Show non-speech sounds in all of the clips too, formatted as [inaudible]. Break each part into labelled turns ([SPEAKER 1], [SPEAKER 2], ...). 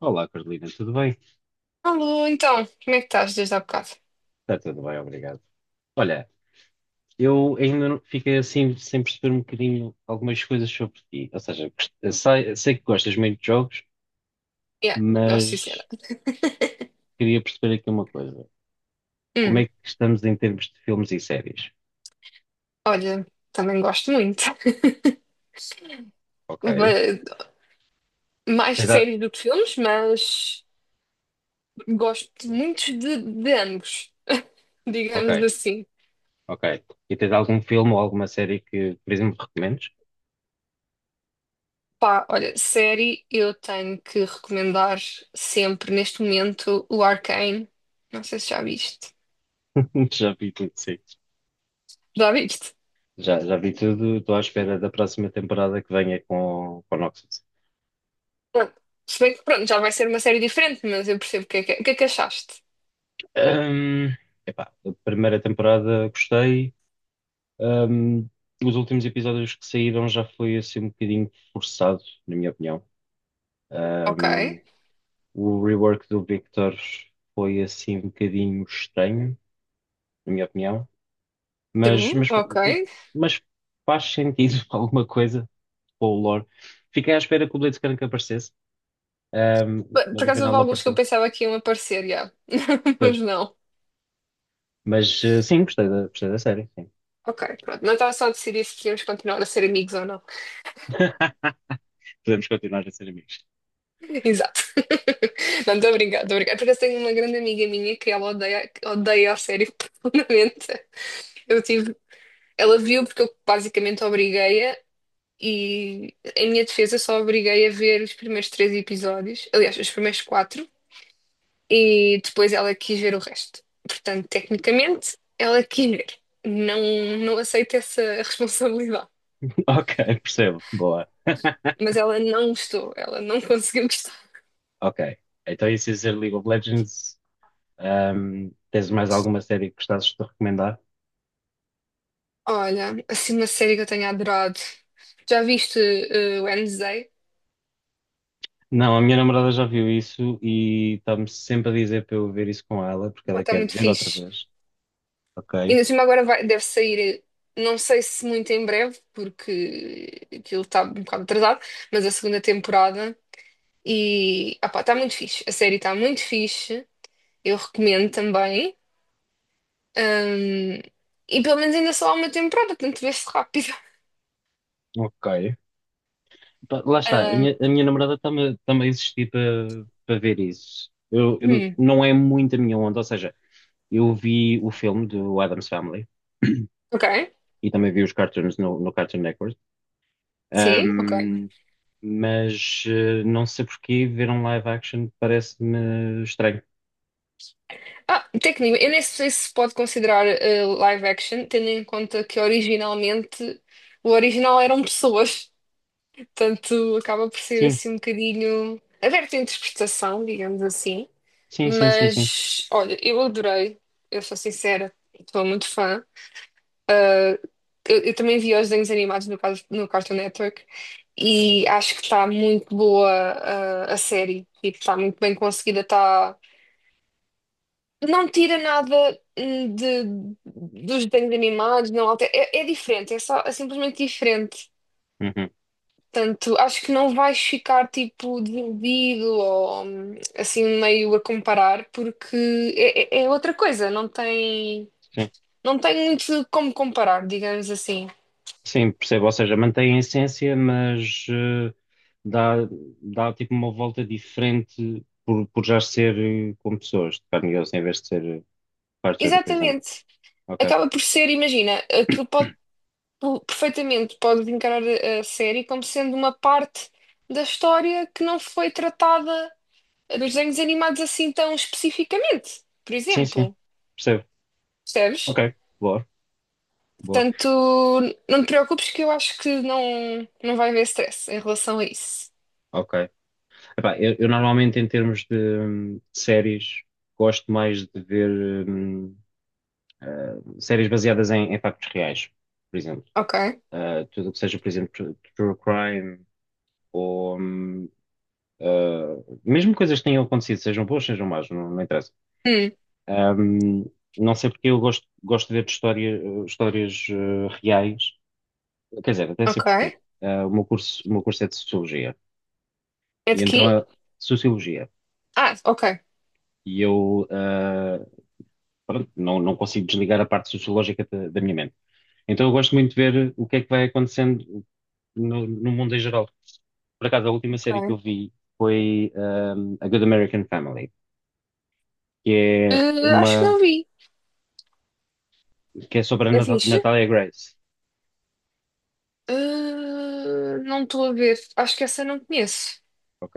[SPEAKER 1] Olá, Carolina, tudo bem?
[SPEAKER 2] Alô, então, como é que estás desde há bocado?
[SPEAKER 1] Está tudo bem, obrigado. Olha, eu ainda não- fiquei assim sem perceber um bocadinho algumas coisas sobre ti. Ou seja, sei que gostas muito de jogos,
[SPEAKER 2] Yeah, gosto sim, senhora.
[SPEAKER 1] mas
[SPEAKER 2] [laughs]
[SPEAKER 1] queria perceber aqui uma coisa. Como
[SPEAKER 2] Hum,
[SPEAKER 1] é que estamos em termos de filmes e séries?
[SPEAKER 2] Olha, também gosto muito. [laughs]
[SPEAKER 1] Ok.
[SPEAKER 2] Va- Mais de
[SPEAKER 1] Tens a-
[SPEAKER 2] séries do que filmes, mas gosto muito de ambos, digamos
[SPEAKER 1] Ok,
[SPEAKER 2] assim.
[SPEAKER 1] ok. E tens algum filme ou alguma série que, por exemplo, recomendes?
[SPEAKER 2] Pá, olha, série eu tenho que recomendar sempre neste momento o Arcane. Não sei se já viste.
[SPEAKER 1] [laughs] Já vi tudo, sim.
[SPEAKER 2] Já viste?
[SPEAKER 1] Já vi tudo, estou à espera da próxima temporada que venha com o Noxus.
[SPEAKER 2] Pronto. Se bem que pronto, já vai ser uma série diferente, mas eu percebo o que é que, o que é que achaste.
[SPEAKER 1] Ahm, Epá, a primeira temporada gostei. Ahm, os últimos episódios que saíram já foi assim um bocadinho forçado, na minha opinião.
[SPEAKER 2] Ok,
[SPEAKER 1] Ahm, o rework do Victor foi assim um bocadinho estranho, na minha opinião, mas,
[SPEAKER 2] true,
[SPEAKER 1] mas,
[SPEAKER 2] ok.
[SPEAKER 1] mas faz sentido [laughs] alguma coisa com o lore. Fiquei à espera que o Blitzcrank aparecesse, ahm,
[SPEAKER 2] Bem, por
[SPEAKER 1] mas
[SPEAKER 2] acaso
[SPEAKER 1] afinal
[SPEAKER 2] houve
[SPEAKER 1] não
[SPEAKER 2] alguns que eu
[SPEAKER 1] apareceu.
[SPEAKER 2] pensava que iam aparecer, já. [laughs]
[SPEAKER 1] Pois.
[SPEAKER 2] Mas não.
[SPEAKER 1] Mas sim, gostei da série, sim.
[SPEAKER 2] Ok, pronto. Não estava só a decidir se queríamos continuar a ser amigos ou não.
[SPEAKER 1] [laughs] Podemos continuar a ser amigos.
[SPEAKER 2] [laughs] Exato. [laughs] Não, estou a brincar, estou a brincar. Por acaso tenho uma grande amiga minha que ela odeia, odeia a série [laughs] profundamente. Eu tive... Ela viu porque eu basicamente obriguei-a e, em minha defesa, só obriguei a ver os primeiros 3 episódios. Aliás, os primeiros 4. E depois ela quis ver o resto. Portanto, tecnicamente, ela quis ver. Não, não aceito essa [laughs] responsabilidade.
[SPEAKER 1] Ok, [laughs] percebo. Boa.
[SPEAKER 2] Mas ela não gostou, ela não [laughs] conseguiu gostar.
[SPEAKER 1] Ok. Então, isso se dizer League of Legends, tens mais alguma série que gostasses de recomendar?
[SPEAKER 2] Olha, assim uma série que eu tenho adorado. Já viste Wednesday?
[SPEAKER 1] Não, a minha namorada já viu isso e está-me sempre a dizer para eu ver isso com ela, porque
[SPEAKER 2] Pá,
[SPEAKER 1] ela
[SPEAKER 2] está
[SPEAKER 1] quer
[SPEAKER 2] muito
[SPEAKER 1] ver outra
[SPEAKER 2] fixe.
[SPEAKER 1] vez.
[SPEAKER 2] E
[SPEAKER 1] Ok.
[SPEAKER 2] ainda cima agora deve sair, não sei se muito em breve, porque aquilo está um bocado atrasado, mas a segunda temporada. E pá, está muito fixe. A série está muito fixe. Eu recomendo também. Ahm, e pelo menos ainda só há uma temporada, portanto vê-se rápido.
[SPEAKER 1] Ok. Pá, lá está, a
[SPEAKER 2] Ahm,
[SPEAKER 1] minha, a minha namorada está-me a insistir para ver isso. Eu, eu-
[SPEAKER 2] hum,
[SPEAKER 1] não é muito a minha onda, ou seja, eu vi o filme do Adam's Family [clears throat]
[SPEAKER 2] ok,
[SPEAKER 1] e também vi os cartoons no Cartoon Network.
[SPEAKER 2] sim, ok.
[SPEAKER 1] Ahm, mas não sei porquê ver um live action parece-me estranho.
[SPEAKER 2] Técnico, eu nem sei se pode considerar live action, tendo em conta que originalmente o original eram pessoas, portanto acaba por ser
[SPEAKER 1] Sim,
[SPEAKER 2] assim um bocadinho aberto à interpretação, digamos assim.
[SPEAKER 1] sim, sim, sim, sim.
[SPEAKER 2] Mas olha, eu adorei, eu sou sincera, estou muito fã. Ah, eu, também vi os desenhos animados no, caso, no Cartoon Network e acho que está muito boa, a série. Tipo, está muito bem conseguida. Tá... Não tira nada dos desenhos animados, não altera. É, é diferente, é só é simplesmente diferente.
[SPEAKER 1] Uhum,
[SPEAKER 2] Portanto, acho que não vais ficar tipo desiludido ou assim meio a comparar, porque é, é outra coisa, não tem,
[SPEAKER 1] sim.
[SPEAKER 2] não tem muito como comparar, digamos assim.
[SPEAKER 1] Sim, percebo. Ou seja, mantém a essência, mas dá, dá tipo uma volta diferente por já ser com pessoas de carne e osso, em vez de ser cartoon, por exemplo.
[SPEAKER 2] Exatamente.
[SPEAKER 1] Ok.
[SPEAKER 2] Acaba por ser, imagina, aquilo pode perfeitamente pode encarar a série como sendo uma parte da história que não foi tratada nos desenhos animados assim tão especificamente, por
[SPEAKER 1] Sim, sim.
[SPEAKER 2] exemplo,
[SPEAKER 1] Percebo. Ok.
[SPEAKER 2] percebes?
[SPEAKER 1] Boa. Boa,
[SPEAKER 2] Portanto, não te preocupes que eu acho que não, não vai haver stress em relação a isso.
[SPEAKER 1] ok. Epá, eu normalmente, em termos de séries, gosto mais de ver séries baseadas em factos reais, por exemplo.
[SPEAKER 2] Ok?
[SPEAKER 1] Ah, tudo o que seja, por exemplo, true crime ou mesmo coisas que tenham acontecido, sejam boas, sejam más, não, não interessa.
[SPEAKER 2] Hum,
[SPEAKER 1] Ahm, não sei porque eu gosto de ver de histórias reais. Quer dizer, até sei
[SPEAKER 2] ok.
[SPEAKER 1] porquê. Ah, o meu curso é de Sociologia.
[SPEAKER 2] É
[SPEAKER 1] E
[SPEAKER 2] de
[SPEAKER 1] então,
[SPEAKER 2] quê?
[SPEAKER 1] a Sociologia.
[SPEAKER 2] Ah, ok.
[SPEAKER 1] E eu, pronto, não consigo desligar a parte sociológica da minha mente. Então eu gosto muito de ver o que é que vai acontecendo no mundo em geral. Por acaso, a última série que eu
[SPEAKER 2] Ok.
[SPEAKER 1] vi foi A Good American Family, que é
[SPEAKER 2] Eh, acho que não
[SPEAKER 1] uma
[SPEAKER 2] vi.
[SPEAKER 1] que é sobre a
[SPEAKER 2] É fixe?
[SPEAKER 1] Natalia Grace.
[SPEAKER 2] Eh, não estou a ver. Acho que essa eu não conheço.
[SPEAKER 1] Ok.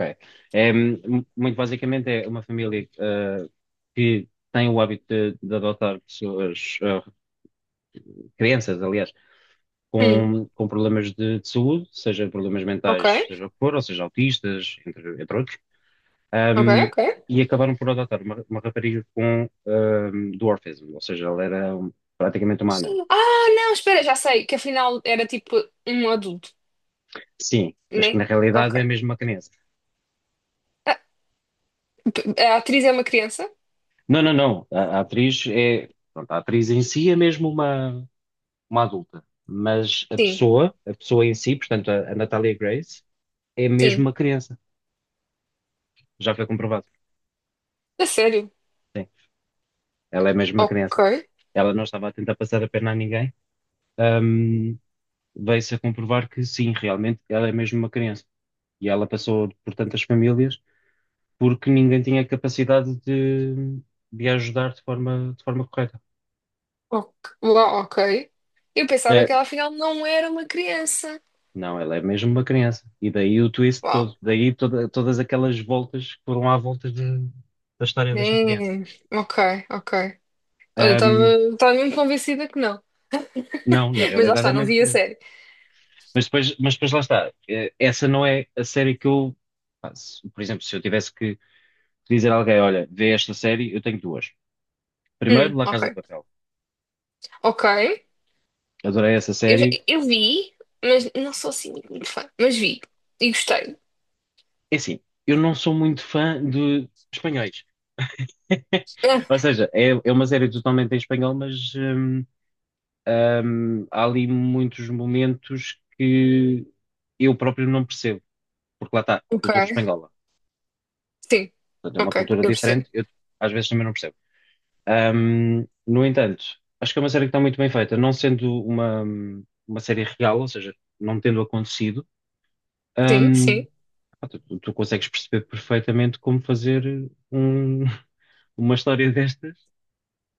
[SPEAKER 1] É, muito basicamente é uma família que tem o hábito de adotar pessoas, crianças, aliás,
[SPEAKER 2] Hum,
[SPEAKER 1] com problemas de saúde, seja problemas
[SPEAKER 2] ok.
[SPEAKER 1] mentais, seja o que for, ou seja, autistas, entre outros.
[SPEAKER 2] Ok,
[SPEAKER 1] Um,
[SPEAKER 2] ok.
[SPEAKER 1] e acabaram por adotar uma rapariga com um dwarfism, ou seja, ela era praticamente uma anã.
[SPEAKER 2] Ah, não, espera, já sei que afinal era tipo um adulto,
[SPEAKER 1] Sim, mas que
[SPEAKER 2] né?
[SPEAKER 1] na realidade é
[SPEAKER 2] Ok.
[SPEAKER 1] mesmo uma criança.
[SPEAKER 2] Ah, p- A atriz é uma criança?
[SPEAKER 1] Não, não, não. A atriz é, pronto, a atriz em si é mesmo uma adulta, mas a
[SPEAKER 2] Sim,
[SPEAKER 1] pessoa, a pessoa em si, portanto, a Natalia Grace, é mesmo
[SPEAKER 2] sim.
[SPEAKER 1] uma criança. Já foi comprovado.
[SPEAKER 2] A sério?
[SPEAKER 1] Sim, ela é mesmo uma
[SPEAKER 2] Ok,
[SPEAKER 1] criança. Ela não estava a tentar passar a perna a ninguém. Um, Veio-se a comprovar que sim, realmente ela é mesmo uma criança. E ela passou por tantas famílias porque ninguém tinha capacidade de a ajudar de forma correta.
[SPEAKER 2] ok, uau, ok. Eu pensava
[SPEAKER 1] É,
[SPEAKER 2] que ela afinal não era uma criança.
[SPEAKER 1] não, ela é mesmo uma criança. E daí o twist
[SPEAKER 2] Uau.
[SPEAKER 1] todo, daí todas aquelas voltas que foram à volta da história desta criança.
[SPEAKER 2] Damn. Ok, ok. Olha, eu
[SPEAKER 1] Ahm,
[SPEAKER 2] estava mesmo convencida que não.
[SPEAKER 1] não, na
[SPEAKER 2] [laughs] Mas lá
[SPEAKER 1] realidade é
[SPEAKER 2] está, não
[SPEAKER 1] mesmo
[SPEAKER 2] vi a
[SPEAKER 1] criança.
[SPEAKER 2] série.
[SPEAKER 1] Mas depois, lá está. Essa não é a série que eu faço. Por exemplo, se eu tivesse que dizer a alguém, olha, vê esta série, eu tenho duas. Primeiro, La
[SPEAKER 2] Ok,
[SPEAKER 1] Casa de Papel.
[SPEAKER 2] ok.
[SPEAKER 1] Adorei essa
[SPEAKER 2] Eu,
[SPEAKER 1] série.
[SPEAKER 2] eu vi, mas não sou assim muito fã. Mas vi e gostei.
[SPEAKER 1] É assim, eu não sou muito fã de espanhóis. [laughs]
[SPEAKER 2] Ah,
[SPEAKER 1] Ou seja, é uma série totalmente em espanhol, mas há ali muitos momentos que eu próprio não percebo, porque lá está, cultura
[SPEAKER 2] ok.
[SPEAKER 1] espanhola.
[SPEAKER 2] Sim,
[SPEAKER 1] Portanto, é uma
[SPEAKER 2] ok,
[SPEAKER 1] cultura
[SPEAKER 2] eu percebo.
[SPEAKER 1] diferente, eu às vezes também não percebo. No entanto, acho que é uma série que está muito bem feita, não sendo uma série real, ou seja, não tendo acontecido,
[SPEAKER 2] Sim, sim,
[SPEAKER 1] hum, tu consegues perceber perfeitamente como fazer [laughs] uma história destas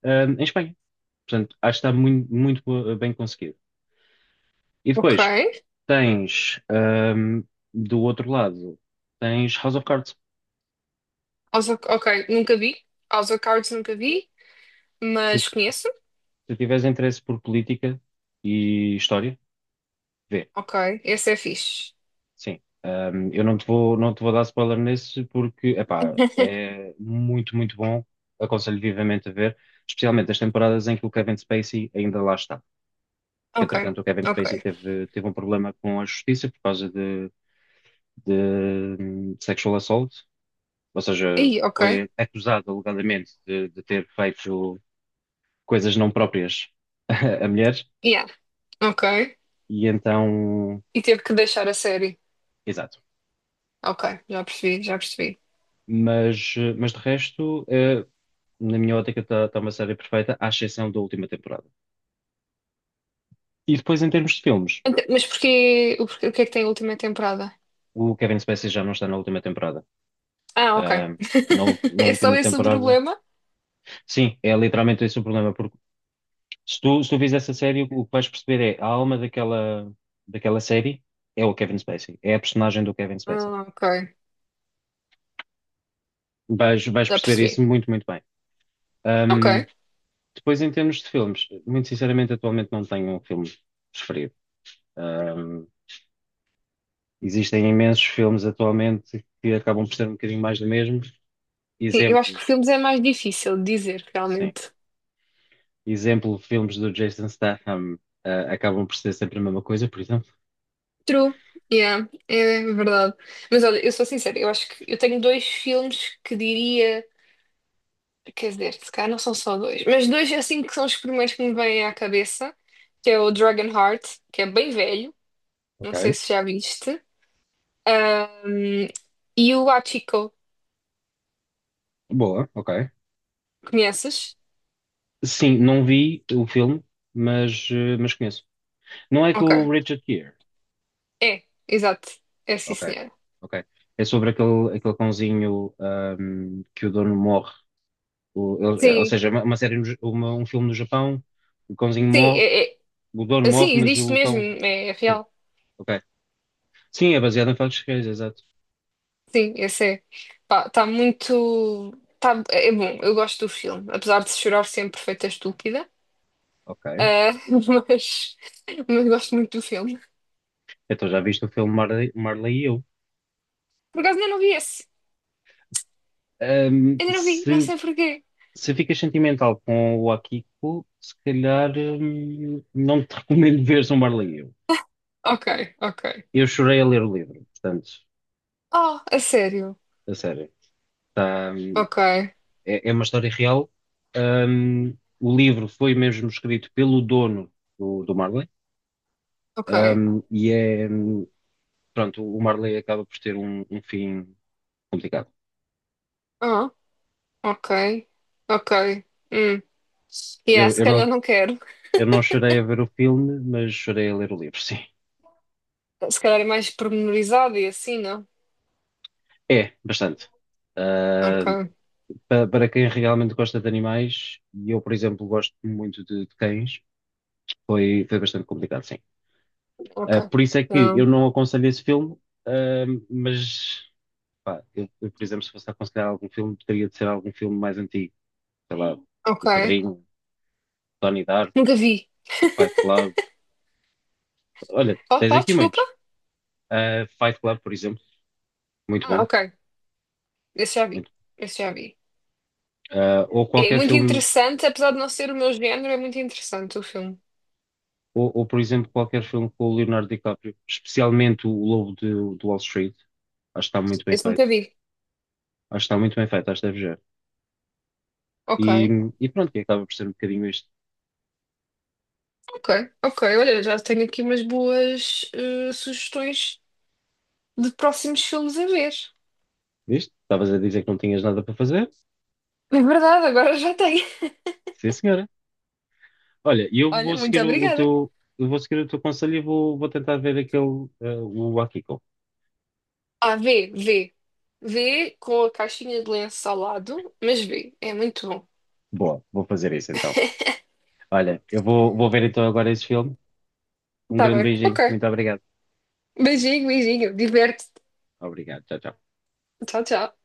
[SPEAKER 1] em Espanha. Portanto, acho que está muito, muito bem conseguido. E depois
[SPEAKER 2] ok.
[SPEAKER 1] tens, hum, do outro lado, tens House of Cards.
[SPEAKER 2] House of- ok, nunca vi. House of Cards nunca vi,
[SPEAKER 1] Se,
[SPEAKER 2] mas conheço.
[SPEAKER 1] se tiveres interesse por política e história, vê.
[SPEAKER 2] Ok, esse é fixe.
[SPEAKER 1] Sim. Eu não te vou dar spoiler nesse porque, epá, é muito, muito bom. Aconselho vivamente a ver, especialmente as temporadas em que o Kevin Spacey ainda lá está. Porque,
[SPEAKER 2] Ok,
[SPEAKER 1] entretanto, o Kevin Spacey
[SPEAKER 2] ok.
[SPEAKER 1] teve um problema com a justiça por causa de sexual assault. Ou seja,
[SPEAKER 2] Ih, ok.
[SPEAKER 1] foi acusado alegadamente de ter feito coisas não próprias [laughs] a mulheres,
[SPEAKER 2] Yeah, ok.
[SPEAKER 1] e então,
[SPEAKER 2] E teve que deixar a série.
[SPEAKER 1] exato.
[SPEAKER 2] Ok, já percebi, já percebi.
[SPEAKER 1] Mas, de resto, na minha ótica, está uma série perfeita, à exceção da última temporada. E depois, em termos de filmes,
[SPEAKER 2] Ent- Mas porquê, o, o que é que tem a última temporada?
[SPEAKER 1] o Kevin Spacey já não está na última temporada.
[SPEAKER 2] Ah, ok.
[SPEAKER 1] Ah, na, ul-
[SPEAKER 2] [laughs]
[SPEAKER 1] na
[SPEAKER 2] É só
[SPEAKER 1] última
[SPEAKER 2] esse o
[SPEAKER 1] temporada,
[SPEAKER 2] problema?
[SPEAKER 1] sim, é literalmente esse o problema, porque se tu vês essa série, o que vais perceber é a alma daquela série é o Kevin Spacey, é a personagem do Kevin Spacey.
[SPEAKER 2] Ah, ok,
[SPEAKER 1] Vais
[SPEAKER 2] já
[SPEAKER 1] perceber isso
[SPEAKER 2] percebi.
[SPEAKER 1] muito, muito bem.
[SPEAKER 2] Ok.
[SPEAKER 1] Ahm, Depois, em termos de filmes, muito sinceramente, atualmente não tenho um filme preferido. Ahm, Existem imensos filmes atualmente que acabam por ser um bocadinho mais do mesmo.
[SPEAKER 2] Sim, eu acho
[SPEAKER 1] Exemplo,
[SPEAKER 2] que filmes é mais difícil de dizer,
[SPEAKER 1] sim.
[SPEAKER 2] realmente.
[SPEAKER 1] Exemplo, filmes do Jason Statham, acabam por ser sempre a mesma coisa, por exemplo.
[SPEAKER 2] True, yeah, é verdade. Mas olha, eu sou sincera, eu acho que eu tenho dois filmes que diria, quer dizer, se calhar não são só dois, mas dois assim que são os primeiros que me vêm à cabeça, que é o Dragonheart, que é bem velho,
[SPEAKER 1] Ok.
[SPEAKER 2] não sei se já viste, ahm, e o Hachiko,
[SPEAKER 1] Boa, ok.
[SPEAKER 2] conheces?
[SPEAKER 1] Sim, não vi o filme, mas conheço. Não é com o
[SPEAKER 2] Ok,
[SPEAKER 1] Richard Gere?
[SPEAKER 2] é, exato, é sim
[SPEAKER 1] Ok,
[SPEAKER 2] senhora.
[SPEAKER 1] ok. É sobre aquele cãozinho, que o dono morre. Ou
[SPEAKER 2] Sim,
[SPEAKER 1] seja, é uma série, no Ja- uma- um filme no Japão, o cãozinho
[SPEAKER 2] sim,
[SPEAKER 1] morre,
[SPEAKER 2] é,
[SPEAKER 1] o dono
[SPEAKER 2] é,
[SPEAKER 1] morre,
[SPEAKER 2] sim,
[SPEAKER 1] mas
[SPEAKER 2] existe
[SPEAKER 1] o
[SPEAKER 2] mesmo,
[SPEAKER 1] cão.
[SPEAKER 2] é
[SPEAKER 1] Sim,
[SPEAKER 2] real.
[SPEAKER 1] ok. Sim, é baseado em factos reais, exato.
[SPEAKER 2] Sim, esse é. Pá, está muito. Tá, é bom, eu gosto do filme. Apesar de chorar sempre feita estúpida.
[SPEAKER 1] Ok.
[SPEAKER 2] Ah, [laughs] mas gosto muito do filme.
[SPEAKER 1] Então já viste o filme Marley e eu.
[SPEAKER 2] Por acaso ainda não vi esse.
[SPEAKER 1] Ahm,
[SPEAKER 2] Ainda não vi, não
[SPEAKER 1] se,
[SPEAKER 2] sei porquê.
[SPEAKER 1] se ficas sentimental com o Akiko, se calhar não te [laughs] recomendo veres o Marley e eu.
[SPEAKER 2] Ok, ok.
[SPEAKER 1] Eu chorei a ler o livro, portanto,
[SPEAKER 2] Oh, a sério?
[SPEAKER 1] a sério. Tá,
[SPEAKER 2] Ok,
[SPEAKER 1] é uma história real. O livro foi mesmo escrito pelo dono do Marley.
[SPEAKER 2] ok.
[SPEAKER 1] E é, pronto, o Marley acaba por ter um fim complicado.
[SPEAKER 2] Ah, ok, ok. Hum. Yeah,
[SPEAKER 1] Eu,
[SPEAKER 2] se
[SPEAKER 1] eu
[SPEAKER 2] calhar
[SPEAKER 1] não,
[SPEAKER 2] não quero.
[SPEAKER 1] eu não chorei a ver o filme, mas chorei a ler o livro, [laughs] sim.
[SPEAKER 2] Se calhar é mais pormenorizado e assim, não?
[SPEAKER 1] É, bastante. Ah,
[SPEAKER 2] Ok,
[SPEAKER 1] para quem realmente gosta de animais, e eu, por exemplo, gosto muito de cães, foi bastante complicado, sim. Ah,
[SPEAKER 2] ok.
[SPEAKER 1] por isso é que eu
[SPEAKER 2] Não.
[SPEAKER 1] não aconselho esse filme, ah, mas, pá, eu, por exemplo, se fosse aconselhar algum filme, teria de ser algum filme mais antigo. Sei lá,
[SPEAKER 2] Ok.
[SPEAKER 1] O Padrinho, Donnie Darko,
[SPEAKER 2] Nunca vi.
[SPEAKER 1] Fight Club. Olha,
[SPEAKER 2] Oh,
[SPEAKER 1] tens
[SPEAKER 2] qual?
[SPEAKER 1] aqui
[SPEAKER 2] Desculpa?
[SPEAKER 1] muitos. Fight Club, por exemplo, muito
[SPEAKER 2] Ah,
[SPEAKER 1] bom.
[SPEAKER 2] ok. Esse já vi.
[SPEAKER 1] Muito.
[SPEAKER 2] Esse já vi.
[SPEAKER 1] Ou
[SPEAKER 2] É
[SPEAKER 1] qualquer
[SPEAKER 2] muito
[SPEAKER 1] filme,
[SPEAKER 2] interessante, apesar de não ser o meu género, é muito interessante o filme.
[SPEAKER 1] ou, por exemplo, qualquer filme com o Leonardo DiCaprio, especialmente o Lobo do Wall Street. Acho que está muito bem
[SPEAKER 2] Esse nunca
[SPEAKER 1] feito.
[SPEAKER 2] vi.
[SPEAKER 1] Acho que está muito bem feito, acho que deve já. E,
[SPEAKER 2] Ok,
[SPEAKER 1] e, pronto, e acaba por ser um bocadinho isto.
[SPEAKER 2] ok, ok. Olha, já tenho aqui umas boas sugestões de próximos filmes a ver.
[SPEAKER 1] Isto? Estavas a dizer que não tinhas nada para fazer?
[SPEAKER 2] É verdade, agora já tenho.
[SPEAKER 1] Sim, senhora. Olha, e
[SPEAKER 2] [laughs]
[SPEAKER 1] eu
[SPEAKER 2] Olha,
[SPEAKER 1] vou
[SPEAKER 2] muito
[SPEAKER 1] seguir o, o
[SPEAKER 2] obrigada.
[SPEAKER 1] teu, eu vou seguir o teu conselho e vou tentar ver aquele, o Akiko.
[SPEAKER 2] Ah, vê, vê. Vê com a caixinha de lenço ao lado, mas vê. É muito bom.
[SPEAKER 1] Boa, vou fazer isso então. Olha, eu vou ver então agora esse filme. Um
[SPEAKER 2] Tá
[SPEAKER 1] grande
[SPEAKER 2] bem, ok.
[SPEAKER 1] beijinho. Muito obrigado.
[SPEAKER 2] Beijinho, beijinho. Diverte-te.
[SPEAKER 1] Obrigado, tchau, tchau.
[SPEAKER 2] Tchau, tchau.